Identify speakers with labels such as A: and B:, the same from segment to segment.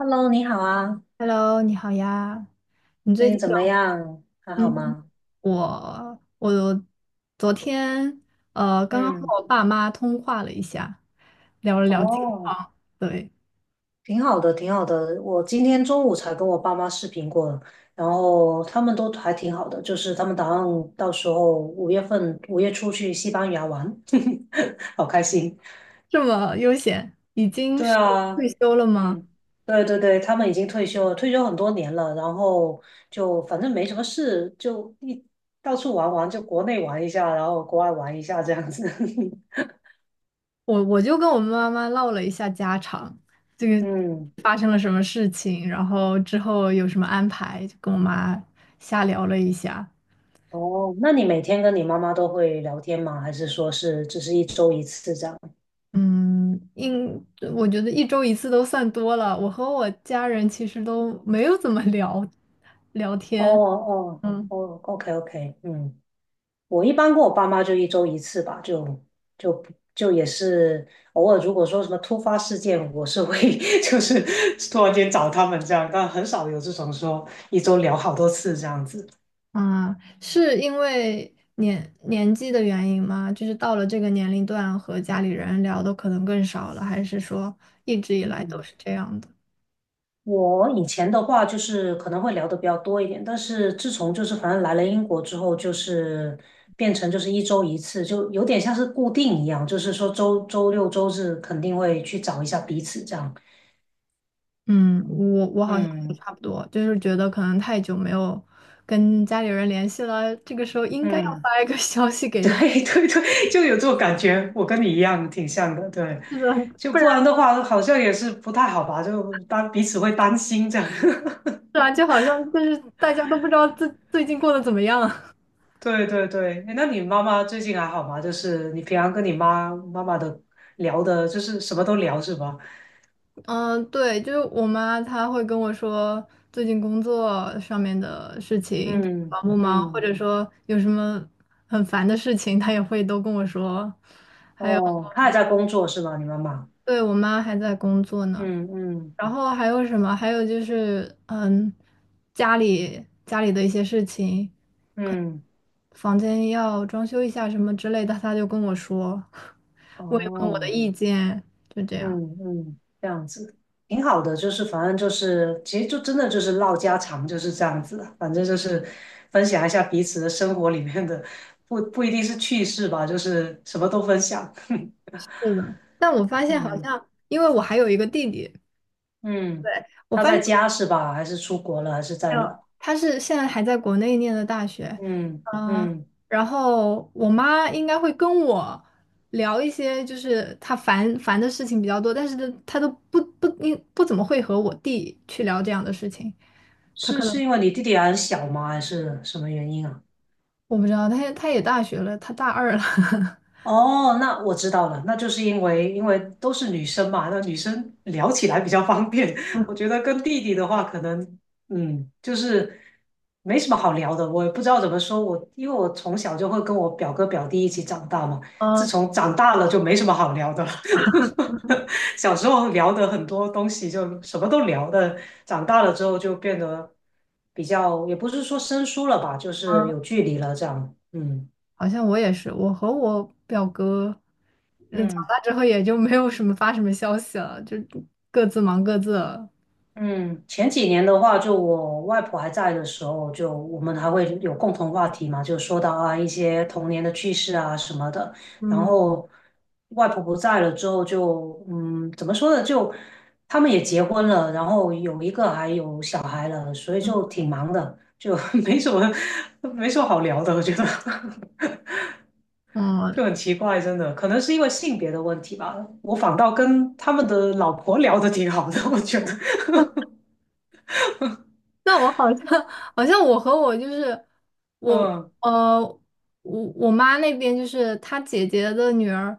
A: Hello，你好啊，
B: Hello，你好呀。你
A: 最
B: 最
A: 近
B: 近
A: 怎
B: 有
A: 么样？还好
B: 嗯，
A: 吗？
B: 我昨天刚刚
A: 嗯，
B: 和我爸妈通话了一下，聊了聊近
A: 哦，
B: 况。对，
A: 挺好的，挺好的。我今天中午才跟我爸妈视频过了，然后他们都还挺好的，就是他们打算到时候五月份五月初去西班牙玩，好开心。
B: 这么悠闲，已经
A: 对
B: 是
A: 啊，
B: 退休了吗？
A: 嗯，对对对，他们已经退休了，退休很多年了，然后就反正没什么事，就一到处玩玩，就国内玩一下，然后国外玩一下这样子。
B: 我就跟我妈妈唠了一下家常，这 个
A: 嗯。
B: 发生了什么事情，然后之后有什么安排，就跟我妈瞎聊了一下。
A: 哦，那你每天跟你妈妈都会聊天吗？还是说是只是一周一次这样？
B: 嗯，应，我觉得一周一次都算多了。我和我家人其实都没有怎么聊聊
A: 哦
B: 天。
A: 哦
B: 嗯。
A: 哦，OK OK，嗯，我一般跟我爸妈就一周一次吧，就就也是偶尔，如果说什么突发事件，我是会 就是突然间找他们这样，但很少有这种说一周聊好多次这样子。
B: 啊，是因为年纪的原因吗？就是到了这个年龄段，和家里人聊的可能更少了，还是说一直以来都是这样的？
A: 我以前的话就是可能会聊的比较多一点，但是自从就是反正来了英国之后，就是变成就是一周一次，就有点像是固定一样，就是说周周六周日肯定会去找一下彼此这样。
B: 嗯，我好像也
A: 嗯
B: 差不多，就是觉得可能太久没有跟家里人联系了，这个时候应该要
A: 嗯，
B: 发一个 消息给
A: 对
B: 他，
A: 对对，就有这种感觉，我跟你一样，挺像的。对，
B: 是
A: 就
B: 的。
A: 不然的话，好像也是不太好吧，就当彼此会担心这样。
B: 是啊，就好像就是大家都不知道最近过得怎么样。
A: 对对对，诶那你妈妈最近还好吗？就是你平常跟你妈妈妈的聊的，就是什么都聊是吧？
B: 嗯，对，就是我妈她会跟我说最近工作上面的事情
A: 嗯
B: 忙不忙，或
A: 嗯，
B: 者说有什么很烦的事情，她也会都跟我说。
A: 哦，她还在工作是吗？你妈妈？
B: 对，我妈还在工作呢，
A: 嗯嗯
B: 然后还有什么？还有就是家里的一些事情，
A: 嗯，
B: 房间要装修一下什么之类的，她就跟我说，问一问我的
A: 哦，
B: 意见，就这样。
A: 嗯嗯，这样子挺好的，就是反正就是，其实就真的就是唠家常就是这样子的，反正就是分享一下彼此的生活里面的，不一定是趣事吧，就是什么都分享。
B: 是的，但我发现好
A: 嗯。
B: 像，因为我还有一个弟弟，
A: 嗯，
B: 对，我
A: 他
B: 发
A: 在
B: 现
A: 家是吧？还是出国了？还是
B: 还
A: 在
B: 有
A: 哪？
B: 他是现在还在国内念的大学，
A: 嗯
B: 啊、
A: 嗯，
B: 然后我妈应该会跟我聊一些就是她烦的事情比较多，但是她都不怎么会和我弟去聊这样的事情，他
A: 是
B: 可能
A: 是因为你弟弟还很小吗？还是什么原因啊？
B: 我不知道，他也大学了，他大二了，
A: 哦，那我知道了，那就是因为都是女生嘛，那女生聊起来比较方便。我觉得跟弟弟的话，可能嗯，就是没什么好聊的。我也不知道怎么说，我因为我从小就会跟我表哥表弟一起长大嘛，自
B: 嗯
A: 从长大了就没什么好聊的了。小时候聊的很多东西就什么都聊的，长大了之后就变得比较，也不是说生疏了吧，就是
B: 嗯。
A: 有距离了这样。嗯
B: 好像我也是，我和我表哥。
A: 嗯。
B: 完之后也就没有什么发什么消息了，就各自忙各自了。
A: 嗯，前几年的话，就我外婆还在的时候，就我们还会有共同话题嘛，就说到啊一些童年的趣事啊什么的。然
B: 嗯
A: 后外婆不在了之后就，嗯，怎么说呢？就他们也结婚了，然后有一个还有小孩了，所以就挺忙的，就 没什么 没什么好聊的，我觉得
B: 嗯，
A: 就很奇怪，真的，可能是因为性别的问题吧。我反倒跟他们的老婆聊得挺好的，我觉得，
B: 那我好像好像我和我就是我
A: 嗯。
B: 呃我妈那边就是她姐姐的女儿，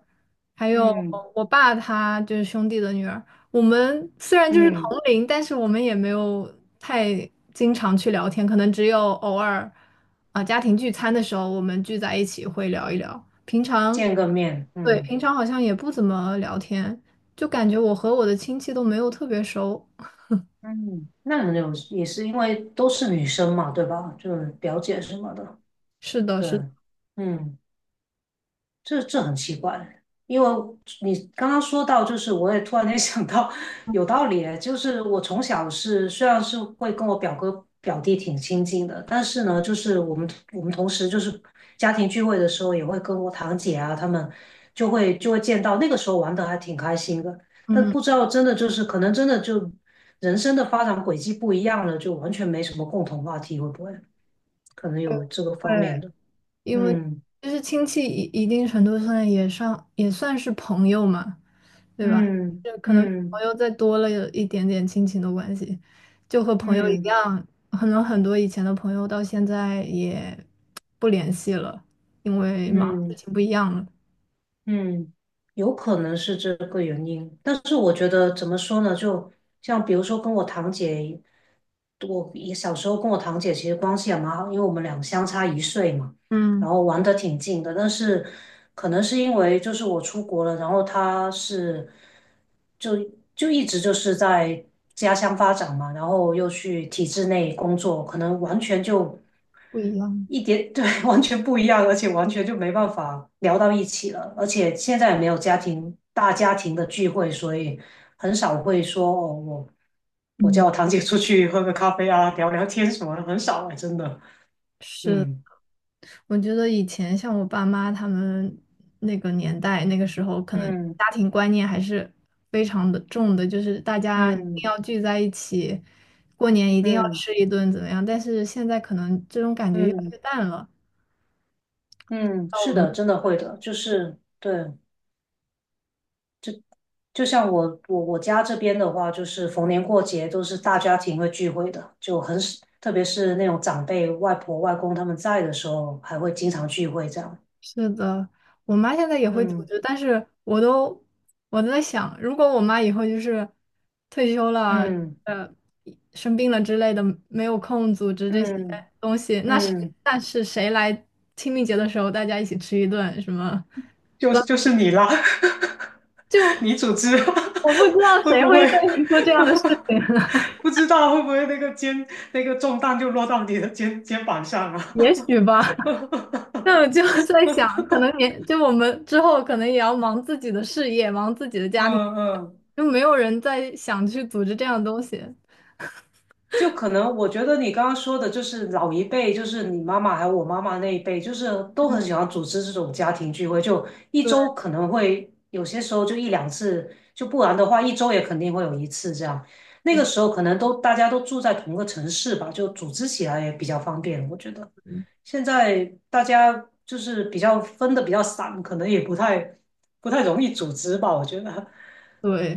B: 还有
A: 嗯
B: 我爸他就是兄弟的女儿。我们虽然就是同
A: 嗯，
B: 龄，但是我们也没有太经常去聊天，可能只有偶尔家庭聚餐的时候我们聚在一起会聊一聊。
A: 见个面，
B: 对，
A: 嗯
B: 平常好像也不怎么聊天，就感觉我和我的亲戚都没有特别熟。
A: 嗯，那你们有也是因为都是女生嘛，对吧？就是表姐什么的，
B: 是的，
A: 对，
B: 是的，
A: 嗯这这很奇怪，因为你刚刚说到，就是我也突然间 想到，有道理诶，就是我从小是虽然是会跟我表哥表弟挺亲近的，但是呢，就是我们同时就是家庭聚会的时候，也会跟我堂姐啊他们就会见到，那个时候玩的还挺开心的，但
B: 嗯。
A: 不知道真的就是可能真的就人生的发展轨迹不一样了，就完全没什么共同话题，会不会可能
B: 对，
A: 有这个
B: 会
A: 方面的？
B: 因为
A: 嗯
B: 就是亲戚一定程度上也算是朋友嘛，对吧？
A: 嗯
B: 就可能朋
A: 嗯。
B: 友再多了有一点点亲情的关系，就和朋友一
A: 嗯
B: 样，可能很多以前的朋友到现在也不联系了，因为忙的
A: 嗯
B: 事情不一样了。
A: 嗯，有可能是这个原因，但是我觉得怎么说呢？就像比如说跟我堂姐，我也小时候跟我堂姐其实关系也蛮好，因为我们俩相差一岁嘛。然
B: 嗯，
A: 后玩的挺近的，但是可能是因为就是我出国了，然后他是就就一直就是在家乡发展嘛，然后又去体制内工作，可能完全就
B: 不一样。
A: 一点，对，完全不一样，而且完全就没办法聊到一起了，而且现在也没有家庭大家庭的聚会，所以很少会说哦我。我
B: 嗯，
A: 叫我堂姐出去喝个咖啡啊，聊聊天什么的，很少哎，真的。
B: 是。
A: 嗯
B: 我觉得以前像我爸妈他们那个年代，那个时候可能
A: 嗯
B: 家庭观念还是非常的重的，就是大家一
A: 嗯。
B: 定要聚在一起，过年一定要
A: 嗯
B: 吃一顿怎么样？但是现在可能这种感觉越来
A: 嗯
B: 越淡了。
A: 嗯，
B: 到我
A: 是的，
B: 们。
A: 真的会的，就是对，就像我家这边的话，就是逢年过节都是大家庭会聚会的，就很少，特别是那种长辈、外婆、外公他们在的时候，还会经常聚会这样。
B: 是的，我妈现在也会组
A: 嗯
B: 织，但是我都在想，如果我妈以后就是退休了，
A: 嗯
B: 呃，生病了之类的，没有空组织这些
A: 嗯
B: 东西，
A: 嗯，
B: 那是谁来清明节的时候大家一起吃一顿什么？
A: 就就是你啦，
B: 就
A: 你组织
B: 我不知道
A: 会
B: 谁
A: 不
B: 会再
A: 会
B: 去做这样的事 情。
A: 不知道会不会那个肩那个重担就落到你的肩膀上
B: 也
A: 啊？
B: 许吧。那我就 在想，可能年就我们之后可能也要忙自己的事业，忙自己的 家庭，
A: 嗯嗯。
B: 就没有人再想去组织这样的东西。
A: 就可能我觉得你刚刚说的，就是老一辈，就是你妈妈还有我妈妈那一辈，就是都很喜欢组织这种家庭聚会，就一
B: 对。
A: 周可能会有些时候就一两次，就不然的话一周也肯定会有一次这样。那个时候可能都大家都住在同个城市吧，就组织起来也比较方便，我觉得。现在大家就是比较分的比较散，可能也不太容易组织吧，我觉得
B: 对，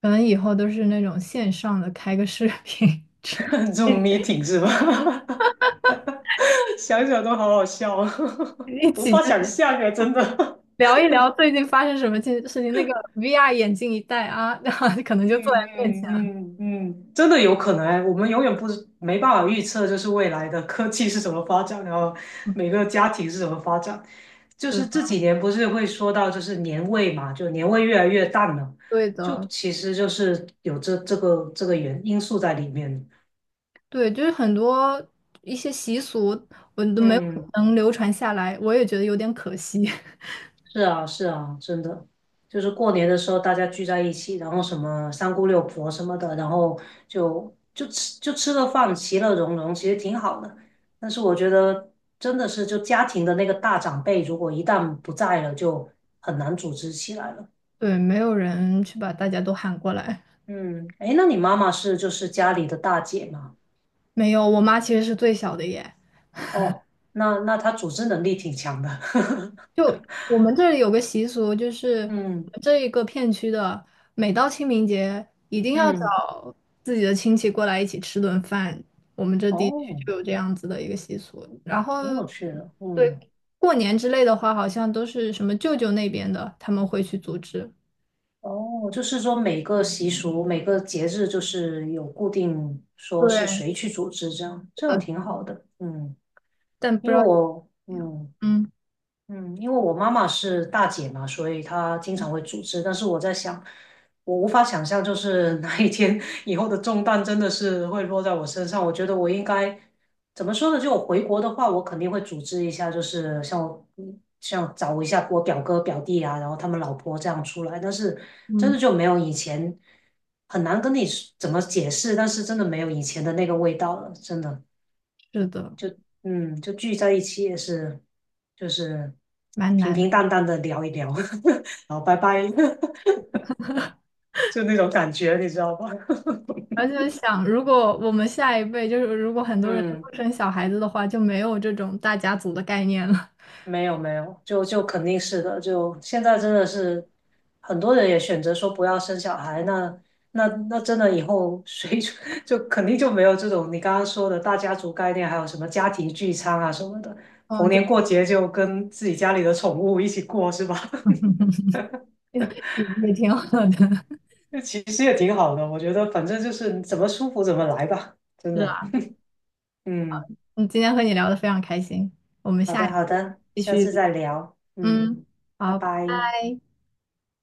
B: 可能以后都是那种线上的，开个视频，去
A: 这种 meeting 是吧？想想都好好笑，
B: 一
A: 无
B: 起
A: 法
B: 就
A: 想
B: 是
A: 象哎，真的。
B: 聊一聊最近发生什么件事情。那个 VR 眼镜一戴啊，然后可能就坐
A: 嗯
B: 在面前了。
A: 嗯嗯嗯，真的有可能哎，我们永远不知没办法预测，就是未来的科技是怎么发展，然后每个家庭是怎么发展。就
B: 是
A: 是
B: 的，
A: 这几年不是会说到就是年味嘛，就年味越来越淡了，
B: 对
A: 就
B: 的。
A: 其实就是有这这个原因素在里面。
B: 对，就是很多一些习俗，我都没有
A: 嗯。
B: 能流传下来，我也觉得有点可惜。
A: 是啊，是啊，真的，就是过年的时候大家聚在一起，然后什么三姑六婆什么的，然后就吃个饭，其乐融融，其实挺好的。但是我觉得真的是，就家庭的那个大长辈，如果一旦不在了，就很难组织起来了。
B: 对，没有人去把大家都喊过来。
A: 嗯，诶，那你妈妈是就是家里的大姐嘛？
B: 没有，我妈其实是最小的耶。
A: 哦，那那她组织能力挺强的。
B: 就我们这里有个习俗，就是 我
A: 嗯
B: 们这一个片区的，每到清明节一定要
A: 嗯，
B: 找自己的亲戚过来一起吃顿饭。我们这地区
A: 哦，
B: 就有这样子的一个习俗。然后，
A: 挺有趣的。
B: 对，
A: 嗯。
B: 过年之类的话，好像都是什么舅舅那边的，他们会去组织。
A: 哦，就是说每个习俗、每个节日，就是有固定说是
B: 对，
A: 谁去组织，这样
B: 是
A: 这样
B: 的，
A: 挺好的。嗯，
B: 但不知
A: 因
B: 道
A: 为
B: 怎
A: 我
B: 么样。
A: 嗯，
B: 嗯
A: 嗯，因为我妈妈是大姐嘛，所以她经常会组织。但是我在想，我无法想象，就是哪一天 以后的重担真的是会落在我身上。我觉得我应该怎么说呢？就我回国的话，我肯定会组织一下，就是像我嗯像找一下我表哥表弟啊，然后他们老婆这样出来。但是真的
B: 嗯，
A: 就没有以前很难跟你怎么解释，但是真的没有以前的那个味道了，真的。
B: 是的，
A: 嗯，就聚在一起也是，就是
B: 蛮
A: 平
B: 难的。
A: 平淡淡的聊一聊，然后拜拜，就那种感觉，你知道吧？
B: 而且想，如果我们下一辈就是如果很 多人都
A: 嗯，
B: 不生小孩子的话，就没有这种大家族的概念了。
A: 没有没有，就就肯定是的，就现在真的是很多人也选择说不要生小孩，那那真的以后谁 就肯定就没有这种你刚刚说的大家族概念，还有什么家庭聚餐啊什么的，逢
B: 嗯，就
A: 年过节就跟自己家里的宠物一起过，是吧？
B: 也也挺好的，
A: 那其实也挺好的，我觉得反正就是你怎么舒服怎么来吧，真
B: 是
A: 的。
B: 吧？
A: 嗯，
B: 嗯，今天和你聊得非常开心，我们
A: 好
B: 下
A: 的
B: 一
A: 好
B: 次
A: 的，
B: 继
A: 下
B: 续。
A: 次再聊。嗯，
B: 嗯，
A: 拜
B: 好，拜
A: 拜。
B: 拜。